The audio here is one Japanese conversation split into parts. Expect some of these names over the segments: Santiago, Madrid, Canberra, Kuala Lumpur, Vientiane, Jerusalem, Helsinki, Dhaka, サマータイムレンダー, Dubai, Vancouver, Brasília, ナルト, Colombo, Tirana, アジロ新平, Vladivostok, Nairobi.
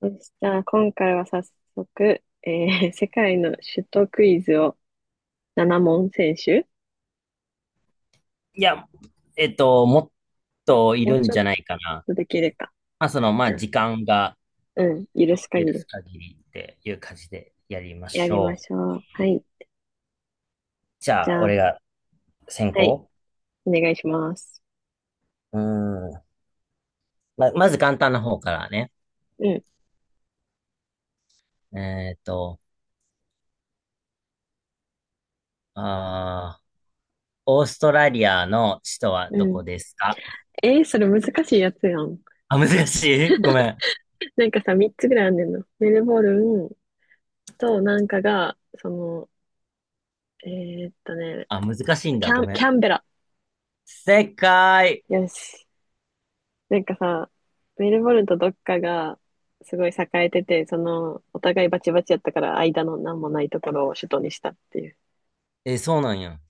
そしたら今回は早速、世界の首都クイズを7問選手いや、もっといもうるんちょじっゃないかな。とできるか。まあ、その、まじあ、ゃあ、時間がうん、許す許限すり限りっていう感じでやりまやしりまょう。しょう。はい。じじゃあ、ゃあ、俺が先はい、行。お願いします。うーん。まず簡単な方からね。うん、えっと、あー、オーストラリアの首都はうどん。こですか？えー、それ難しいやつやん。あ、難しい ごめん。なんかさ、3つぐらいあんねんの。メルボルンとなんかが、えーっとね、あ、難しいんだ。ごめキん。ャンベラ。正解。よし。なんかさ、メルボルンとどっかがすごい栄えてて、お互いバチバチやったから間の何もないところを首都にしたっていう。え、そうなんや。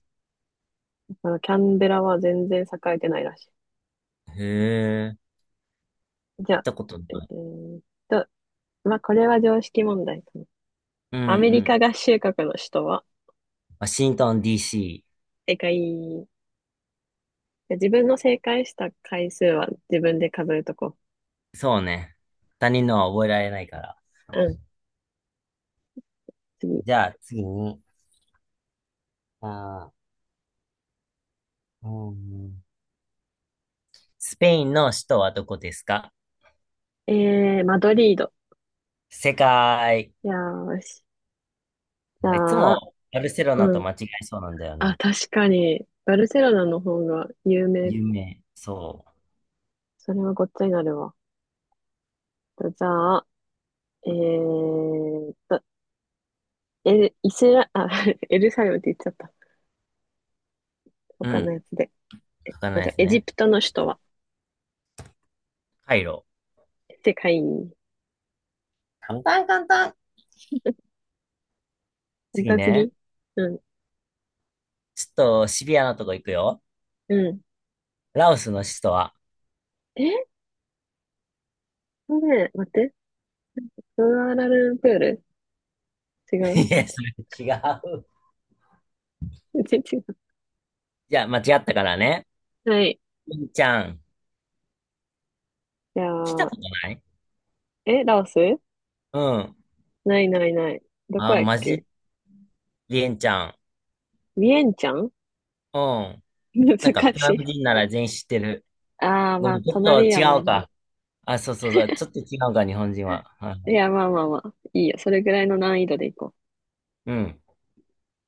キャンベラは全然栄えてないらしへえ、い。じゃ行っあ、たことなえい。ーっと、まあ、これは常識問題かな。うんうアメリん。カ合衆国の首都は？ワシントン DC。正解。自分の正解した回数は自分で数えとこそうね。他人のは覚えられないから。う。うん、次。じゃあ次に、あうん、スペインの首都はどこですか？マドリード。世界。よーし。じいつゃあ、もバルセロナうとん。間違えそうなんだよあ、ね。確かに、バルセロナの方が有名。有名。そそれはごっつになるわ。じゃあ、えーっと、エル、イスラ、あ、エルサレムって言っちゃった。う。う他ん。のやつで。わかんなじいゃあ、ですエジね。プトの首都は？カイロ。世界に。簡単簡単。本当次はね。次。うん、ちょっとシビアなとこ行くよ。うん。ラオスの首都は？ え、ね待って。クアラルンプール。違 う。いや、それ違う。全然違う。じゃあ間違ったからね。はい。リンちゃん。じ来ゃたあ、ことない。え、ラオス。うん。ないないない。どこあ、やっマけ？ジ。リンちゃん。ビエンチャン。 うん。難なんか、ベトしナムい。人なら全員知ってる。ああ、ごまめあ、ん、ちょっ隣とや違もうんな。か。あ、そうそうそう。ちょっと違うか、日本人は。はい、いや、まあまあまあ。いいよ。それぐらいの難易度でいこう。うん。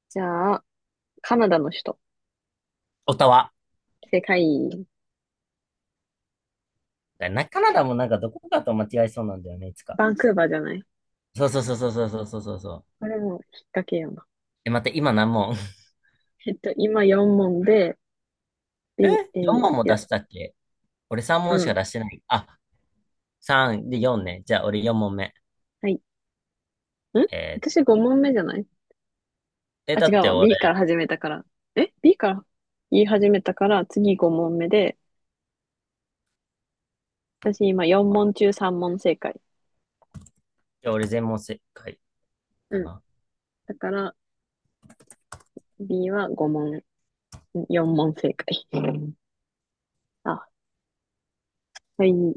じゃあ、カナダの首都。オタワ。世界、カナダもなんかどこかと間違えそうなんだよね、いつか。バンクーバーじゃない？そうそうそうそうそうそうそうそうそう。これも引っ掛けような。え、待って、今何問？ 今4問で、え B、?4 い問も出や、したっけ？俺3う問しかん。出してない。あ、3で4ね。じゃあ、俺4問目。はい。ん、えー私5問目じゃない？え、あ、だ違っうてわ。俺、B から始めたから。え？ B から言い始めたから、次5問目で、私今4問中3問正解。じゃあ俺全問正解かうん。な。だから、B は5問、4問正解。うん、あ、はい。う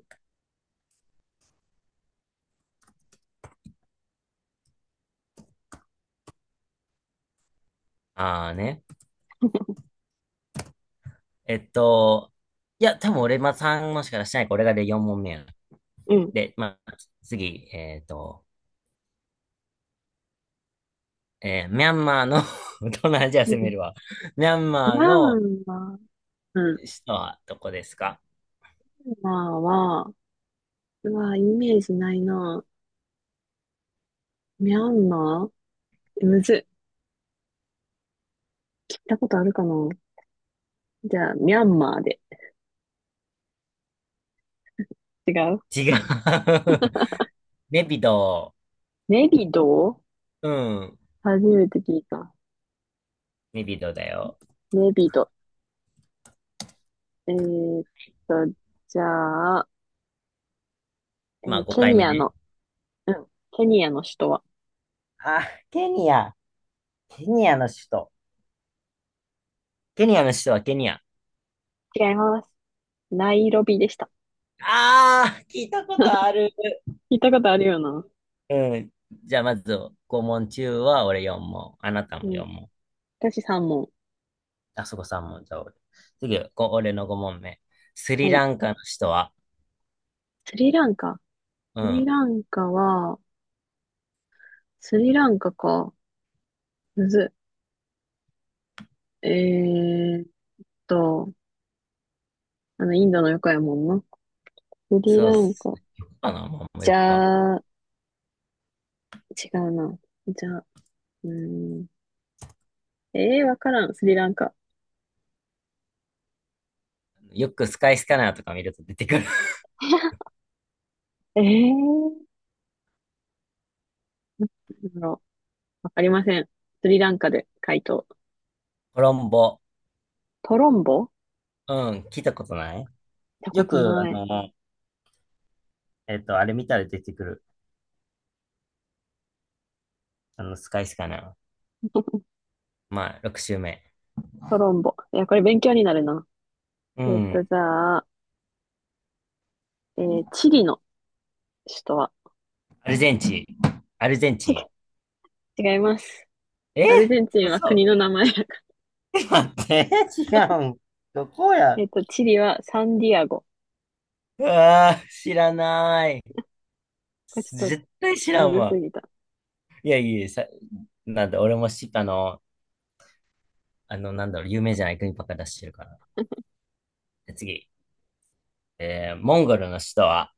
あーね。えっと、いや、多分俺まあ3問しか出してないから、俺がで4問目や。ん。で、まあ、次、ミャンマーの 東南アジア う攻めん。るわ。ミャンマーラのンは、うん。首都はどこですか？ワンは、うわ、イメージないな。ミャンマー、え、むずい。聞いたことあるかな？じゃあ、ミャンマーで。違う。違う。ネピドネビド。ー。うん。初めて聞いた。ネピドーだよ。ネビド。えーっと、じゃあ、まあ、ケ5回ニ目アね。の、うん、ケニアの首都は？あ、ケニア。ケニアの首都。ケニアの首都はケニア。違います。ナイロビでした。あー、聞いたことある。聞いたことあるよな。うん。じゃあ、まず、5問中は俺4問。あなたうもん。4問。私3問。あそこ3問。じゃあ俺。次、俺の5問目。スはリい。ランカの首都は？スリランカ。うスリん。ランカは、スリランカか。むずい。と、インドの横やもんな。スリそうっランす。カ。かな、まあ、もうじよくは。ゃあ、違うな。じゃあ、うーん。ええー、わからん。スリランカ。よくスカイスキャナーとか見ると出てくる。えー、なんだろう、わかりません。スリランカで回答。コロンボ。トロンボっうん、聞いたことない。てこよく、とあない。の、あれ見たら出てくる。あの、スカイスキャナー。まあ、6周目。トロンボ。いや、これ勉強になるな。うん。じゃあ、チリの首都は？アルゼンチン。アルゼン違チン。う、違います。え、アルゼンチンは国嘘。の名前。待って、違うん。どこや。チリはサンディアゴ。うわー、知らない。これちょっと絶対知らむんずすわ。ぎた。いやいや、さ、なんだ、俺もし、あの、なんだろう、有名じゃない国ばっか出してるから。で次。モンゴルの首都は、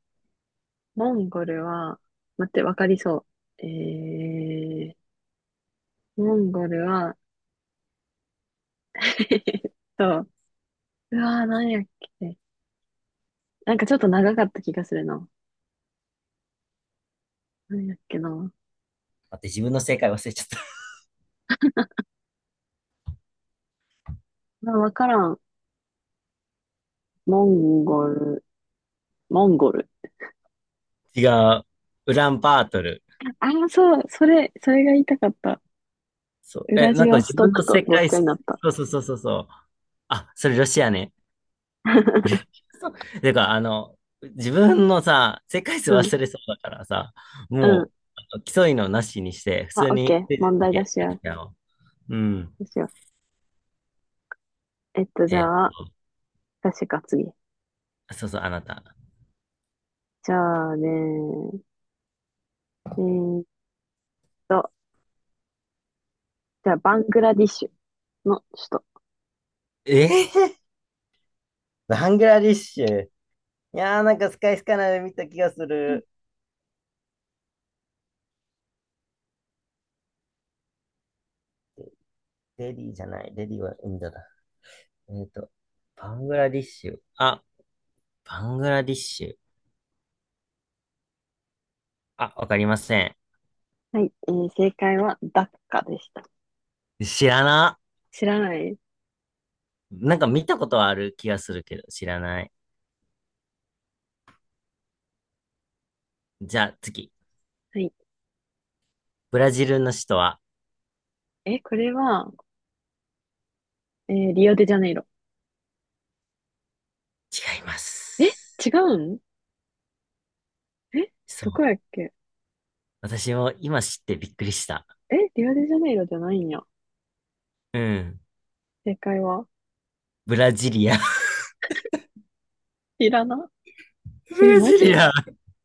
モンゴルは、待って、わかりそう。モンゴルは、そう。うわー、なんやっけ。なんかちょっと長かった気がするな。何やっけな。待って、自分の正解忘れちゃった。まあ、わからん。モンゴル、モンゴル。違う。ウランバートル。ああ、そう、それが言いたかった。そう。ウえ、ラなジんかオス自ト分のクと世ごっ界、ちゃそになった。うそうそうそうそう。あ、それロシアね。そう。てか、あの、自分のさ、世界数うん、忘れそうだからさ、うもん。う、あの競いのなしにして、普あ、通オッケにー。クイズ問だ題出けしよう。やろう。うん。どうしよう。じえ、ゃあ、確か次。そうそう、あなた。じゃあね、ーっと、じゃあ、バングラディッシュの首都。えー、バングラディッシュ。いやー、なんかスカイスカナで見た気がすうん。る。デリーじゃない。デリーはインドだ。えっと、バングラディッシュ。あ、バングラディッシュ。あ、わかりません。はい、正解はダッカでした。知らな。知らない。なんか見たことはある気がするけど、知らない。じゃあ次。はい。ブラジルの首都は？え、これは、リオデジャネイロ。違いまえ、違す。うん？え、そどこう。やっけ？私も今知ってびっくりした。え、リオデジャネイロじゃないんや。うん。正解はブラジリア。ティラナ。 ブえ、ラジマジ。リア。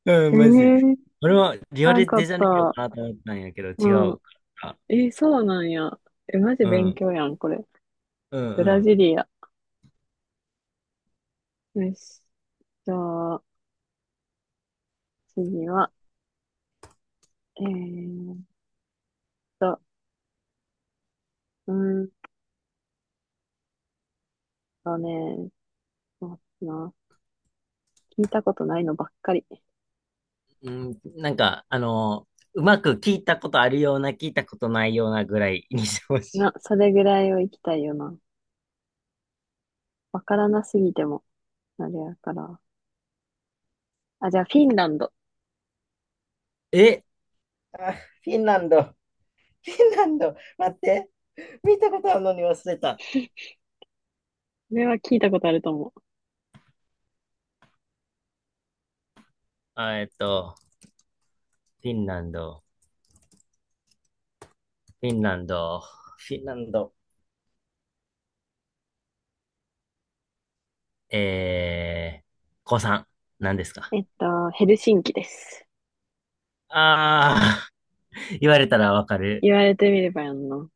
うん、マジ。知俺もリオらデんかジっャネイロた。かなと思ったんやけど、違ううん。から。え、そうなんや。え、マジう勉ん。強やん、これ。うんブうラん。ジリア。よし。じゃあ、次は、えーっと、うーんとね、そうだな。聞いたことないのばっかり。うん、なんか、あの、うまく聞いたことあるような、聞いたことないようなぐらいにしてほな、しそれぐらいを行きたいよな。わからなすぎても、あれやから。あ、じゃあ、フィンランド。こい。え、あ、フィンランド。フィンランド。待って。見たことあるのに忘れた。れは聞いたことあると思う。あ、フィンランド、フィンランド、フィンランド。子さん、何ですか？ヘルシンキです。あー、言われたらわかる。言われてみればやんな。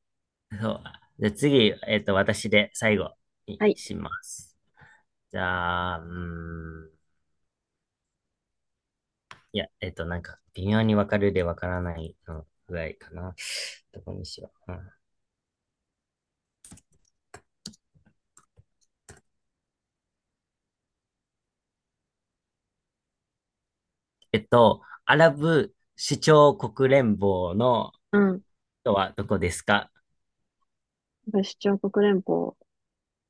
そう。じゃあ次、私で最後にはい。します。じゃあ、うーん。いや、なんか、微妙にわかるでわからないのぐらいかな。どこにしよう。うん、アラブ首長国連邦のうん。人はどこですか？アラブ首長国連邦。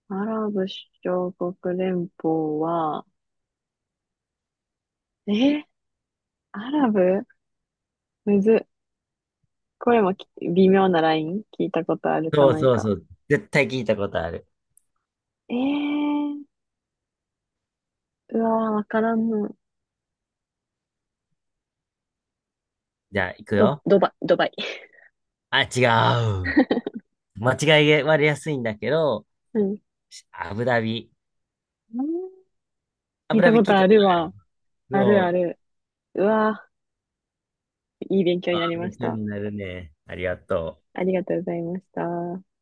アラブ首長国連邦は、えーアラブむずっ。これも微妙なライン聞いたことあるかそうないそうか。そう。絶対聞いたことある。えー、うわー、わからんの。じゃあ、行くよ。ドバイ、ドバイ。あ、違う。間違い割れやすいんだけど、うん。アブダビ。ア聞いブたダビこ聞いとたあことるある。わ。あるあそう。る。うわー、いい勉強にあ、なりま勉し強た。になるね。ありがとう。ありがとうございました。